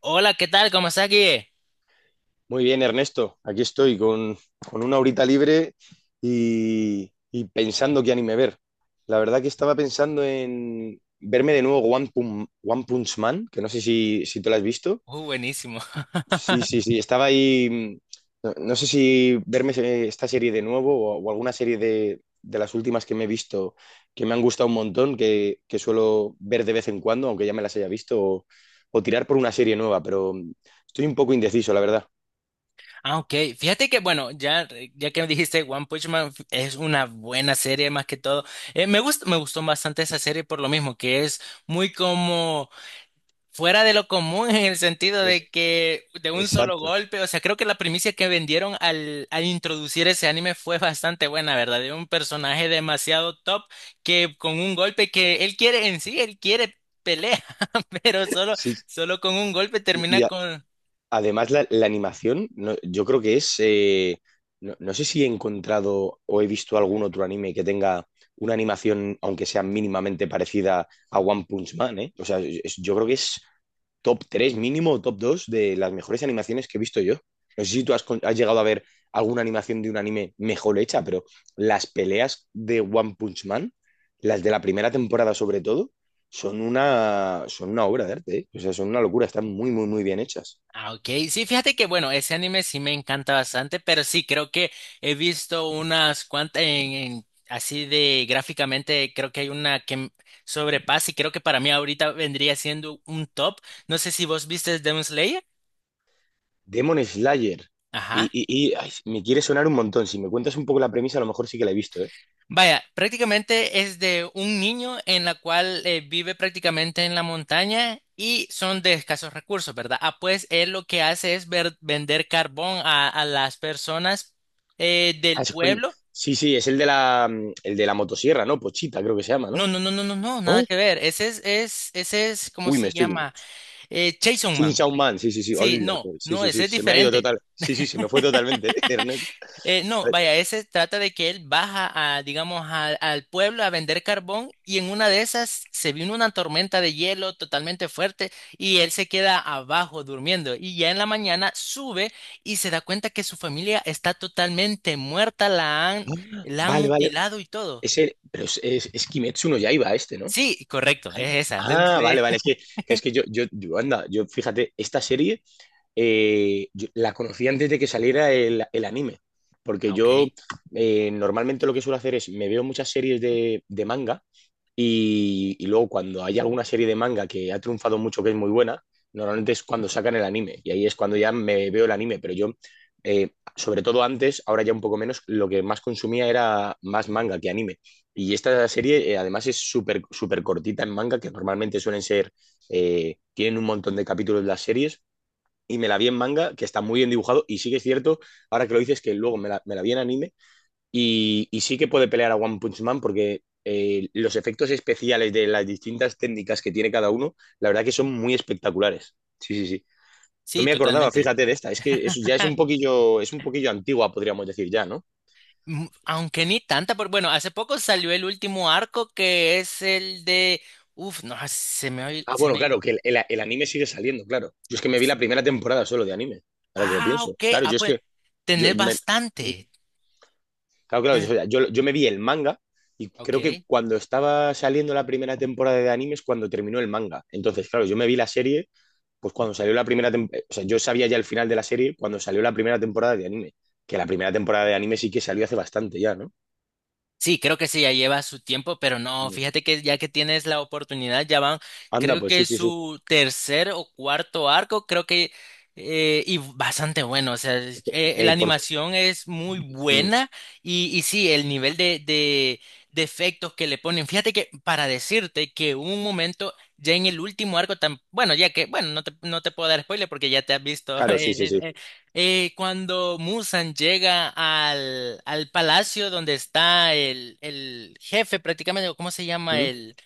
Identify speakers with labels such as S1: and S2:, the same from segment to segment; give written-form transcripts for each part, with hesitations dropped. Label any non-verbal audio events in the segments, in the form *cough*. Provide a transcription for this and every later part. S1: Hola, ¿qué tal? ¿Cómo estás, Guille?
S2: Muy bien, Ernesto. Aquí estoy con, una horita libre y pensando qué anime ver. La verdad que estaba pensando en verme de nuevo One Punch Man, que no sé si, tú lo has visto.
S1: Buenísimo. *laughs*
S2: Sí, sí, sí, estaba ahí. No, no sé si verme esta serie de nuevo o, alguna serie de las últimas que me he visto que me han gustado un montón, que, suelo ver de vez en cuando, aunque ya me las haya visto, o tirar por una serie nueva, pero estoy un poco indeciso, la verdad.
S1: Ah, ok. Fíjate que, bueno, ya, ya que me dijiste One Punch Man es una buena serie más que todo. Me gustó bastante esa serie por lo mismo, que es muy como fuera de lo común *laughs* en el sentido
S2: Es,
S1: de que de un solo
S2: exacto.
S1: golpe, o sea, creo que la primicia que vendieron al introducir ese anime fue bastante buena, ¿verdad? De un personaje demasiado top que con un golpe que él quiere en sí, él quiere pelea, *laughs* pero solo,
S2: Sí, sí.
S1: solo con un golpe
S2: y
S1: termina
S2: a-
S1: con...
S2: Además la animación, yo creo que es, no, no sé si he encontrado o he visto algún otro anime que tenga una animación, aunque sea mínimamente parecida a One Punch Man, ¿eh? O sea, yo creo que es top 3 mínimo, o top 2 de las mejores animaciones que he visto yo. No sé si tú has, has llegado a ver alguna animación de un anime mejor hecha, pero las peleas de One Punch Man, las de la primera temporada sobre todo, son una obra de arte, ¿eh? O sea, son una locura, están muy, muy, muy bien hechas.
S1: Ah, ok. Sí, fíjate que bueno, ese anime sí me encanta bastante, pero sí, creo que he visto unas cuantas así de gráficamente, creo que hay una sobrepasa y creo que para mí ahorita vendría siendo un top. No sé si vos viste Demon Slayer.
S2: Demon Slayer, y,
S1: Ajá.
S2: y, y ay, me quiere sonar un montón, si me cuentas un poco la premisa, a lo mejor sí que la he visto, ¿eh?
S1: Vaya, prácticamente es de un niño en la cual vive prácticamente en la montaña y son de escasos recursos, ¿verdad? Ah, pues él lo que hace es vender carbón a las personas
S2: Ah,
S1: del
S2: es coño.
S1: pueblo.
S2: Sí, sí, es el de la motosierra, ¿no? Pochita, creo que se llama,
S1: No,
S2: ¿no?
S1: no, no, no, no, no,
S2: ¿No?
S1: nada que ver. Ese es, ese es, ¿cómo
S2: Uy, me
S1: se
S2: estoy...
S1: llama? Chainsaw
S2: Team
S1: Man.
S2: Soundman, sí, sí, sí.
S1: Sí,
S2: Hola,
S1: no,
S2: que- sí,
S1: no,
S2: sí,
S1: ese
S2: sí.
S1: es
S2: Se me ha ido
S1: diferente.
S2: total. Sí, sí, se me fue totalmente, *laughs* Ernesto. A
S1: No,
S2: ver.
S1: vaya, ese trata de que él baja a, digamos, al pueblo a vender carbón y en una de esas se vino una tormenta de hielo totalmente fuerte y él se queda abajo durmiendo y ya en la mañana sube y se da cuenta que su familia está totalmente muerta, la han
S2: Vale, vale.
S1: mutilado y todo.
S2: Es el- pero es Kimetsu no Yaiba este, ¿no?
S1: Sí, correcto, es esa. Demon
S2: Ah,
S1: Slayer.
S2: vale, vale. Es que, es que anda, yo, fíjate, esta serie yo la conocí antes de que saliera el, anime. Porque
S1: Ah, ok,
S2: yo normalmente lo que suelo hacer es me veo muchas series de, manga. Y luego cuando hay alguna serie de manga que ha triunfado mucho, que es muy buena, normalmente es cuando sacan el anime. Y ahí es cuando ya me veo el anime. Pero yo, sobre todo antes, ahora ya un poco menos, lo que más consumía era más manga que anime. Y esta serie además es súper súper cortita en manga, que normalmente suelen ser, tienen un montón de capítulos las series. Y me la vi en manga, que está muy bien dibujado. Y sí que es cierto, ahora que lo dices, que luego me la, vi en anime y sí que puede pelear a One Punch Man porque los efectos especiales de las distintas técnicas que tiene cada uno, la verdad que son muy espectaculares. Sí, sí, sí. No
S1: sí,
S2: me acordaba,
S1: totalmente.
S2: fíjate, de esta. Es que eso ya
S1: Ah,
S2: es un poquillo antigua, podríamos decir ya, ¿no?
S1: aunque ni tanta, pero bueno, hace poco salió el último arco que es el de... Uf, no, ah, se me ha,
S2: Ah,
S1: se
S2: bueno,
S1: me ha
S2: claro,
S1: ido.
S2: que el anime sigue saliendo, claro. Yo es que me vi la primera temporada solo de anime, ahora que lo
S1: Ah,
S2: pienso.
S1: ok.
S2: Claro,
S1: Ah,
S2: yo es
S1: pues,
S2: que yo
S1: tenés
S2: me,
S1: bastante.
S2: claro, claro,
S1: Tenés...
S2: yo, yo me vi el manga y creo que
S1: Ok.
S2: cuando estaba saliendo la primera temporada de anime es cuando terminó el manga. Entonces, claro, yo me vi la serie pues cuando salió la primera temporada, o sea, yo sabía ya el final de la serie cuando salió la primera temporada de anime, que la primera temporada de anime sí que salió hace bastante ya, ¿no?
S1: Sí, creo que sí, ya lleva su tiempo, pero no,
S2: Mm.
S1: fíjate que ya que tienes la oportunidad, ya van,
S2: Anda,
S1: creo
S2: pues
S1: que
S2: sí,
S1: es
S2: sí, sí.
S1: su tercer o cuarto arco, creo que, y bastante bueno, o sea, la
S2: Ey, por...
S1: animación es muy
S2: mm,
S1: buena y sí, el nivel de efectos que le ponen, fíjate que para decirte que hubo un momento, ya en el último arco, tan, bueno, ya que, bueno, no te, no te puedo dar spoiler porque ya te has visto *laughs*
S2: Claro, sí, sí, sí.
S1: el, cuando Musan llega al palacio donde está el jefe prácticamente, o ¿cómo se llama?
S2: Mm.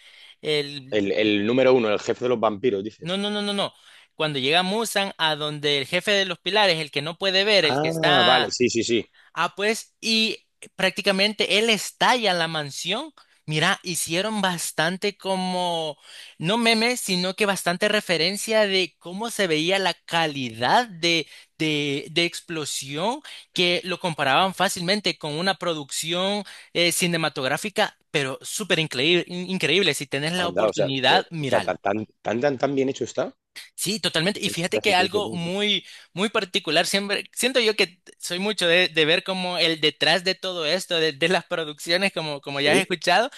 S1: El...
S2: El número uno, el jefe de los vampiros,
S1: No,
S2: dices.
S1: no, no, no, no. Cuando llega Musan a donde el jefe de los pilares, el que no puede ver, el que
S2: Ah, vale,
S1: está...
S2: sí, sí, sí.
S1: Ah, pues, y prácticamente él estalla la mansión. Mira, hicieron bastante como, no memes, sino que bastante referencia de cómo se veía la calidad de explosión, que lo comparaban fácilmente con una producción cinematográfica, pero súper increíble, increíble. Si tenés la
S2: Anda, o sea, de-
S1: oportunidad,
S2: o sea, tan,
S1: míralo.
S2: tan, tan, tan tan bien hecho está.
S1: Sí, totalmente. Y fíjate
S2: Ostras,
S1: que
S2: es que me
S1: algo
S2: sorprende.
S1: muy, muy particular, siempre, siento yo que soy mucho de ver como el detrás de todo esto, de las producciones, como, como ya has
S2: Sí.
S1: escuchado,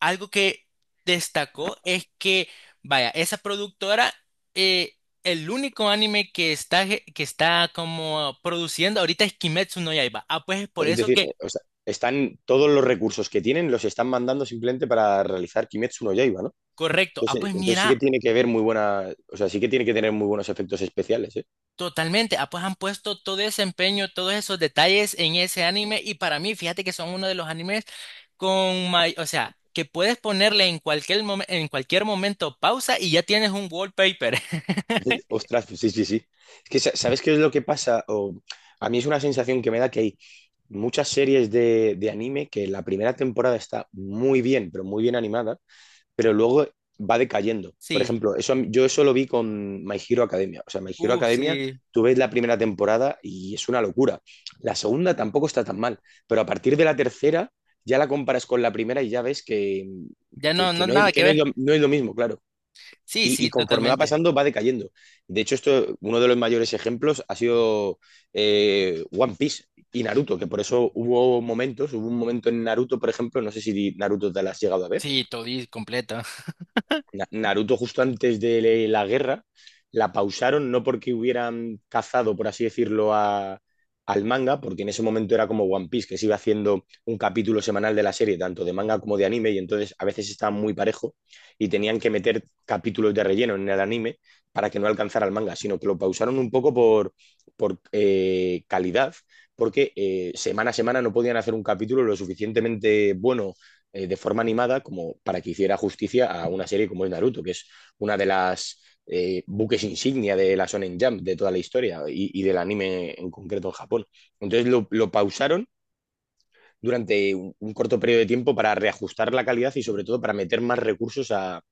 S1: algo que destacó es que, vaya, esa productora, eh, el único anime que está, que está como produciendo ahorita es Kimetsu no Yaiba. Ah, pues es por
S2: Pues es
S1: eso
S2: decir,
S1: que,
S2: o sea, están todos los recursos que tienen, los están mandando simplemente para realizar Kimetsu no Yaiba, ¿no?
S1: correcto. Ah,
S2: Entonces,
S1: pues
S2: entonces sí que
S1: mira,
S2: tiene que ver muy buena, o sea, sí que tiene que tener muy buenos efectos especiales, ¿eh?
S1: totalmente, ah, pues han puesto todo ese empeño, todos esos detalles en ese anime y para mí, fíjate que son uno de los animes con o sea, que puedes ponerle en cualquier en cualquier momento pausa y ya tienes un wallpaper. *laughs*
S2: *laughs* Ostras, sí, sí, sí. Es que, sa- ¿sabes qué es lo que pasa? O, a mí es una sensación que me da que hay muchas series de anime que la primera temporada está muy bien, pero muy bien animada, pero luego va decayendo. Por
S1: Sí,
S2: ejemplo, eso, yo eso lo vi con My Hero Academia. O sea, My Hero Academia,
S1: sí,
S2: tú ves la primera temporada y es una locura. La segunda tampoco está tan mal, pero a partir de la tercera ya la comparas con la primera y ya ves que,
S1: ya
S2: que,
S1: no,
S2: que
S1: no
S2: no,
S1: nada
S2: que
S1: que
S2: no es lo,
S1: ver.
S2: no es lo mismo, claro.
S1: Sí,
S2: Y,
S1: sí,
S2: y conforme va
S1: totalmente.
S2: pasando, va decayendo. De hecho, esto, uno de los mayores ejemplos ha sido One Piece y Naruto, que por eso hubo momentos, hubo un momento en Naruto, por ejemplo, no sé si Naruto te la has llegado a ver.
S1: Sí, todo completo. *laughs*
S2: Naruto justo antes de la guerra la pausaron no porque hubieran cazado, por así decirlo, al manga, porque en ese momento era como One Piece, que se iba haciendo un capítulo semanal de la serie, tanto de manga como de anime, y entonces a veces estaba muy parejo y tenían que meter capítulos de relleno en el anime para que no alcanzara el manga, sino que lo pausaron un poco por, calidad, porque semana a semana no podían hacer un capítulo lo suficientemente bueno de forma animada como para que hiciera justicia a una serie como es Naruto, que es una de las buques insignia de la Shonen Jump de toda la historia y, del anime en concreto en Japón. Entonces lo pausaron durante un, corto periodo de tiempo para reajustar la calidad y sobre todo para meter más recursos a,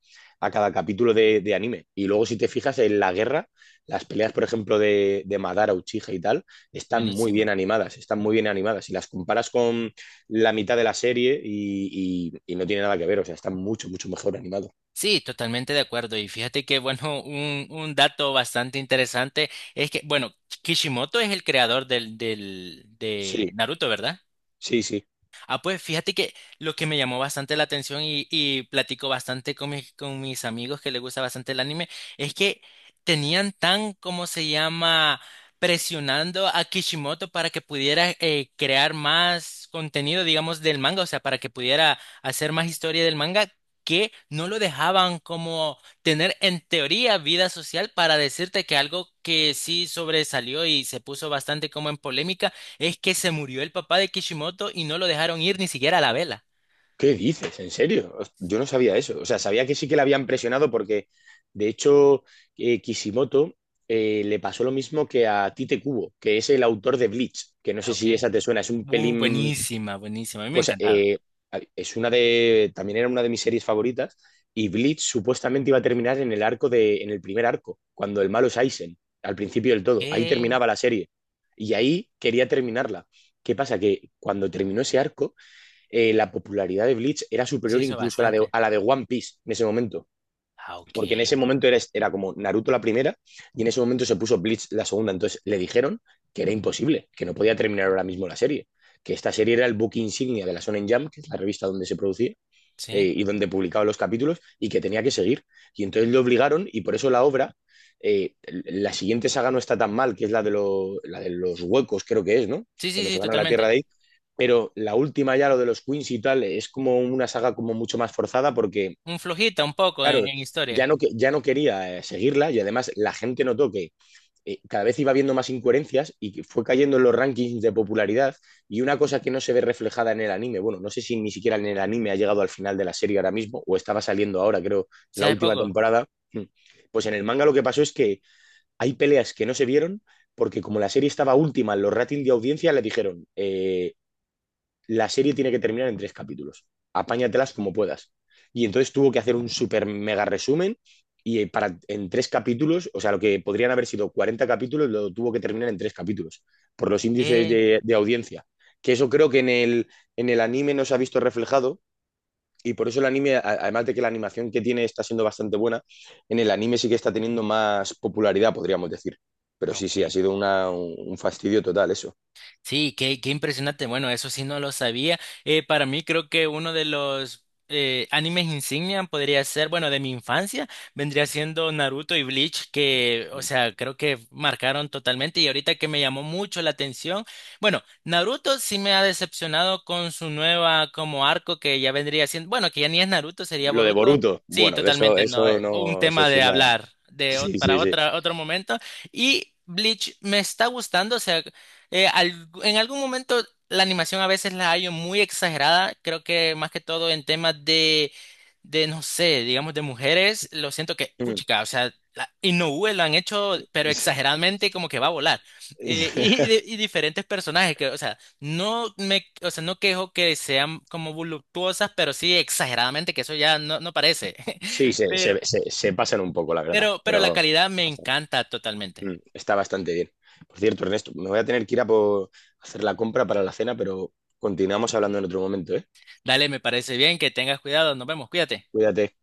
S2: a cada capítulo de anime. Y luego si te fijas en la guerra, las peleas, por ejemplo, de Madara, Uchiha y tal, están muy bien
S1: Buenísima.
S2: animadas, están muy bien animadas. Si las comparas con la mitad de la serie y no tiene nada que ver, o sea, están mucho, mucho mejor animados.
S1: Sí, totalmente de acuerdo. Y fíjate que, bueno, un dato bastante interesante es que, bueno, Kishimoto es el creador del, del,
S2: Sí,
S1: de Naruto, ¿verdad?
S2: sí, sí.
S1: Ah, pues fíjate que lo que me llamó bastante la atención y platico bastante con mis amigos que les gusta bastante el anime es que tenían tan, ¿cómo se llama?, presionando a Kishimoto para que pudiera crear más contenido, digamos, del manga, o sea, para que pudiera hacer más historia del manga, que no lo dejaban como tener en teoría vida social para decirte que algo que sí sobresalió y se puso bastante como en polémica es que se murió el papá de Kishimoto y no lo dejaron ir ni siquiera a la vela.
S2: ¿Qué dices? ¿En serio? Yo no sabía eso. O sea, sabía que sí que le habían presionado porque, de hecho, Kishimoto le pasó lo mismo que a Tite Kubo, que es el autor de Bleach, que no
S1: Ah,
S2: sé
S1: ok.
S2: si esa te suena, es un pelín,
S1: Buenísima, buenísima. A mí me ha
S2: pues
S1: encantado.
S2: es una también era una de mis series favoritas, y Bleach supuestamente iba a terminar en el arco de, en el primer arco, cuando el malo es Aizen, al principio del todo, ahí
S1: ¿Qué?
S2: terminaba la serie, y ahí quería terminarla. ¿Qué pasa? Que cuando terminó ese arco, la popularidad de Bleach era
S1: Sí,
S2: superior
S1: hizo
S2: incluso
S1: bastante.
S2: a la de One Piece en ese momento,
S1: Ah, ok.
S2: porque en ese momento era como Naruto la primera y en ese momento se puso Bleach la segunda, entonces le dijeron que era imposible, que no podía terminar ahora mismo la serie, que esta serie era el book insignia de la Shonen Jump, que es la revista donde se producía,
S1: Sí.
S2: y donde publicaba los capítulos y que tenía que seguir. Y entonces le obligaron y por eso la obra, la siguiente saga no está tan mal, que es la de los huecos, creo que es, ¿no?
S1: Sí, sí,
S2: Cuando
S1: sí,
S2: se van a la Tierra
S1: totalmente.
S2: de ahí. Pero la última ya, lo de los Queens y tal, es como una saga como mucho más forzada porque,
S1: Un flojita, un poco
S2: claro,
S1: en
S2: ya
S1: historia.
S2: no, ya no quería seguirla y además la gente notó que cada vez iba viendo más incoherencias y fue cayendo en los rankings de popularidad y una cosa que no se ve reflejada en el anime, bueno, no sé si ni siquiera en el anime ha llegado al final de la serie ahora mismo o estaba saliendo ahora, creo, en
S1: Sí,
S2: la
S1: hace
S2: última
S1: poco.
S2: temporada, hmm, pues en el manga lo que pasó es que hay peleas que no se vieron porque como la serie estaba última en los ratings de audiencia, le dijeron, la serie tiene que terminar en tres capítulos. Apáñatelas como puedas. Y entonces tuvo que hacer un super mega resumen y para, en tres capítulos, o sea, lo que podrían haber sido 40 capítulos, lo tuvo que terminar en tres capítulos, por los índices
S1: ¿Qué?
S2: de, audiencia. Que eso creo que en el anime no se ha visto reflejado, y por eso el anime, además de que la animación que tiene está siendo bastante buena, en el anime sí que está teniendo más popularidad, podríamos decir. Pero sí, sí, ha
S1: Ok.
S2: sido un fastidio total eso.
S1: Sí, qué, qué impresionante. Bueno, eso sí no lo sabía. Para mí creo que uno de los animes insignia podría ser, bueno, de mi infancia, vendría siendo Naruto y Bleach, que, o sea, creo que marcaron totalmente. Y ahorita que me llamó mucho la atención, bueno, Naruto sí me ha decepcionado con su nueva como arco que ya vendría siendo, bueno, que ya ni es Naruto, sería
S2: Lo de
S1: Boruto.
S2: Boruto,
S1: Sí,
S2: bueno, de eso,
S1: totalmente, no,
S2: eso
S1: un
S2: no, eso
S1: tema
S2: es
S1: de
S2: una.
S1: hablar de,
S2: Sí,
S1: para
S2: sí, sí.
S1: otra, otro momento. Y Bleach me está gustando, o sea, en algún momento la animación a veces la hallo muy exagerada. Creo que más que todo en temas de no sé, digamos de mujeres, lo siento que,
S2: Mm.
S1: puchica, o sea, la, Inoue lo han hecho, pero exageradamente como que va a volar. Y,
S2: *laughs*
S1: y diferentes personajes que, o sea, no me, o sea, no quejo que sean como voluptuosas, pero sí exageradamente, que eso ya no, no parece.
S2: Sí,
S1: *laughs*
S2: se,
S1: Pero,
S2: se, se- se pasan un poco, la verdad,
S1: pero la
S2: pero
S1: calidad me
S2: bastante.
S1: encanta totalmente.
S2: Mm, está bastante bien. Por cierto, Ernesto, me voy a tener que ir a por hacer la compra para la cena, pero continuamos hablando en otro momento, ¿eh?
S1: Dale, me parece bien, que tengas cuidado, nos vemos, cuídate.
S2: Cuídate.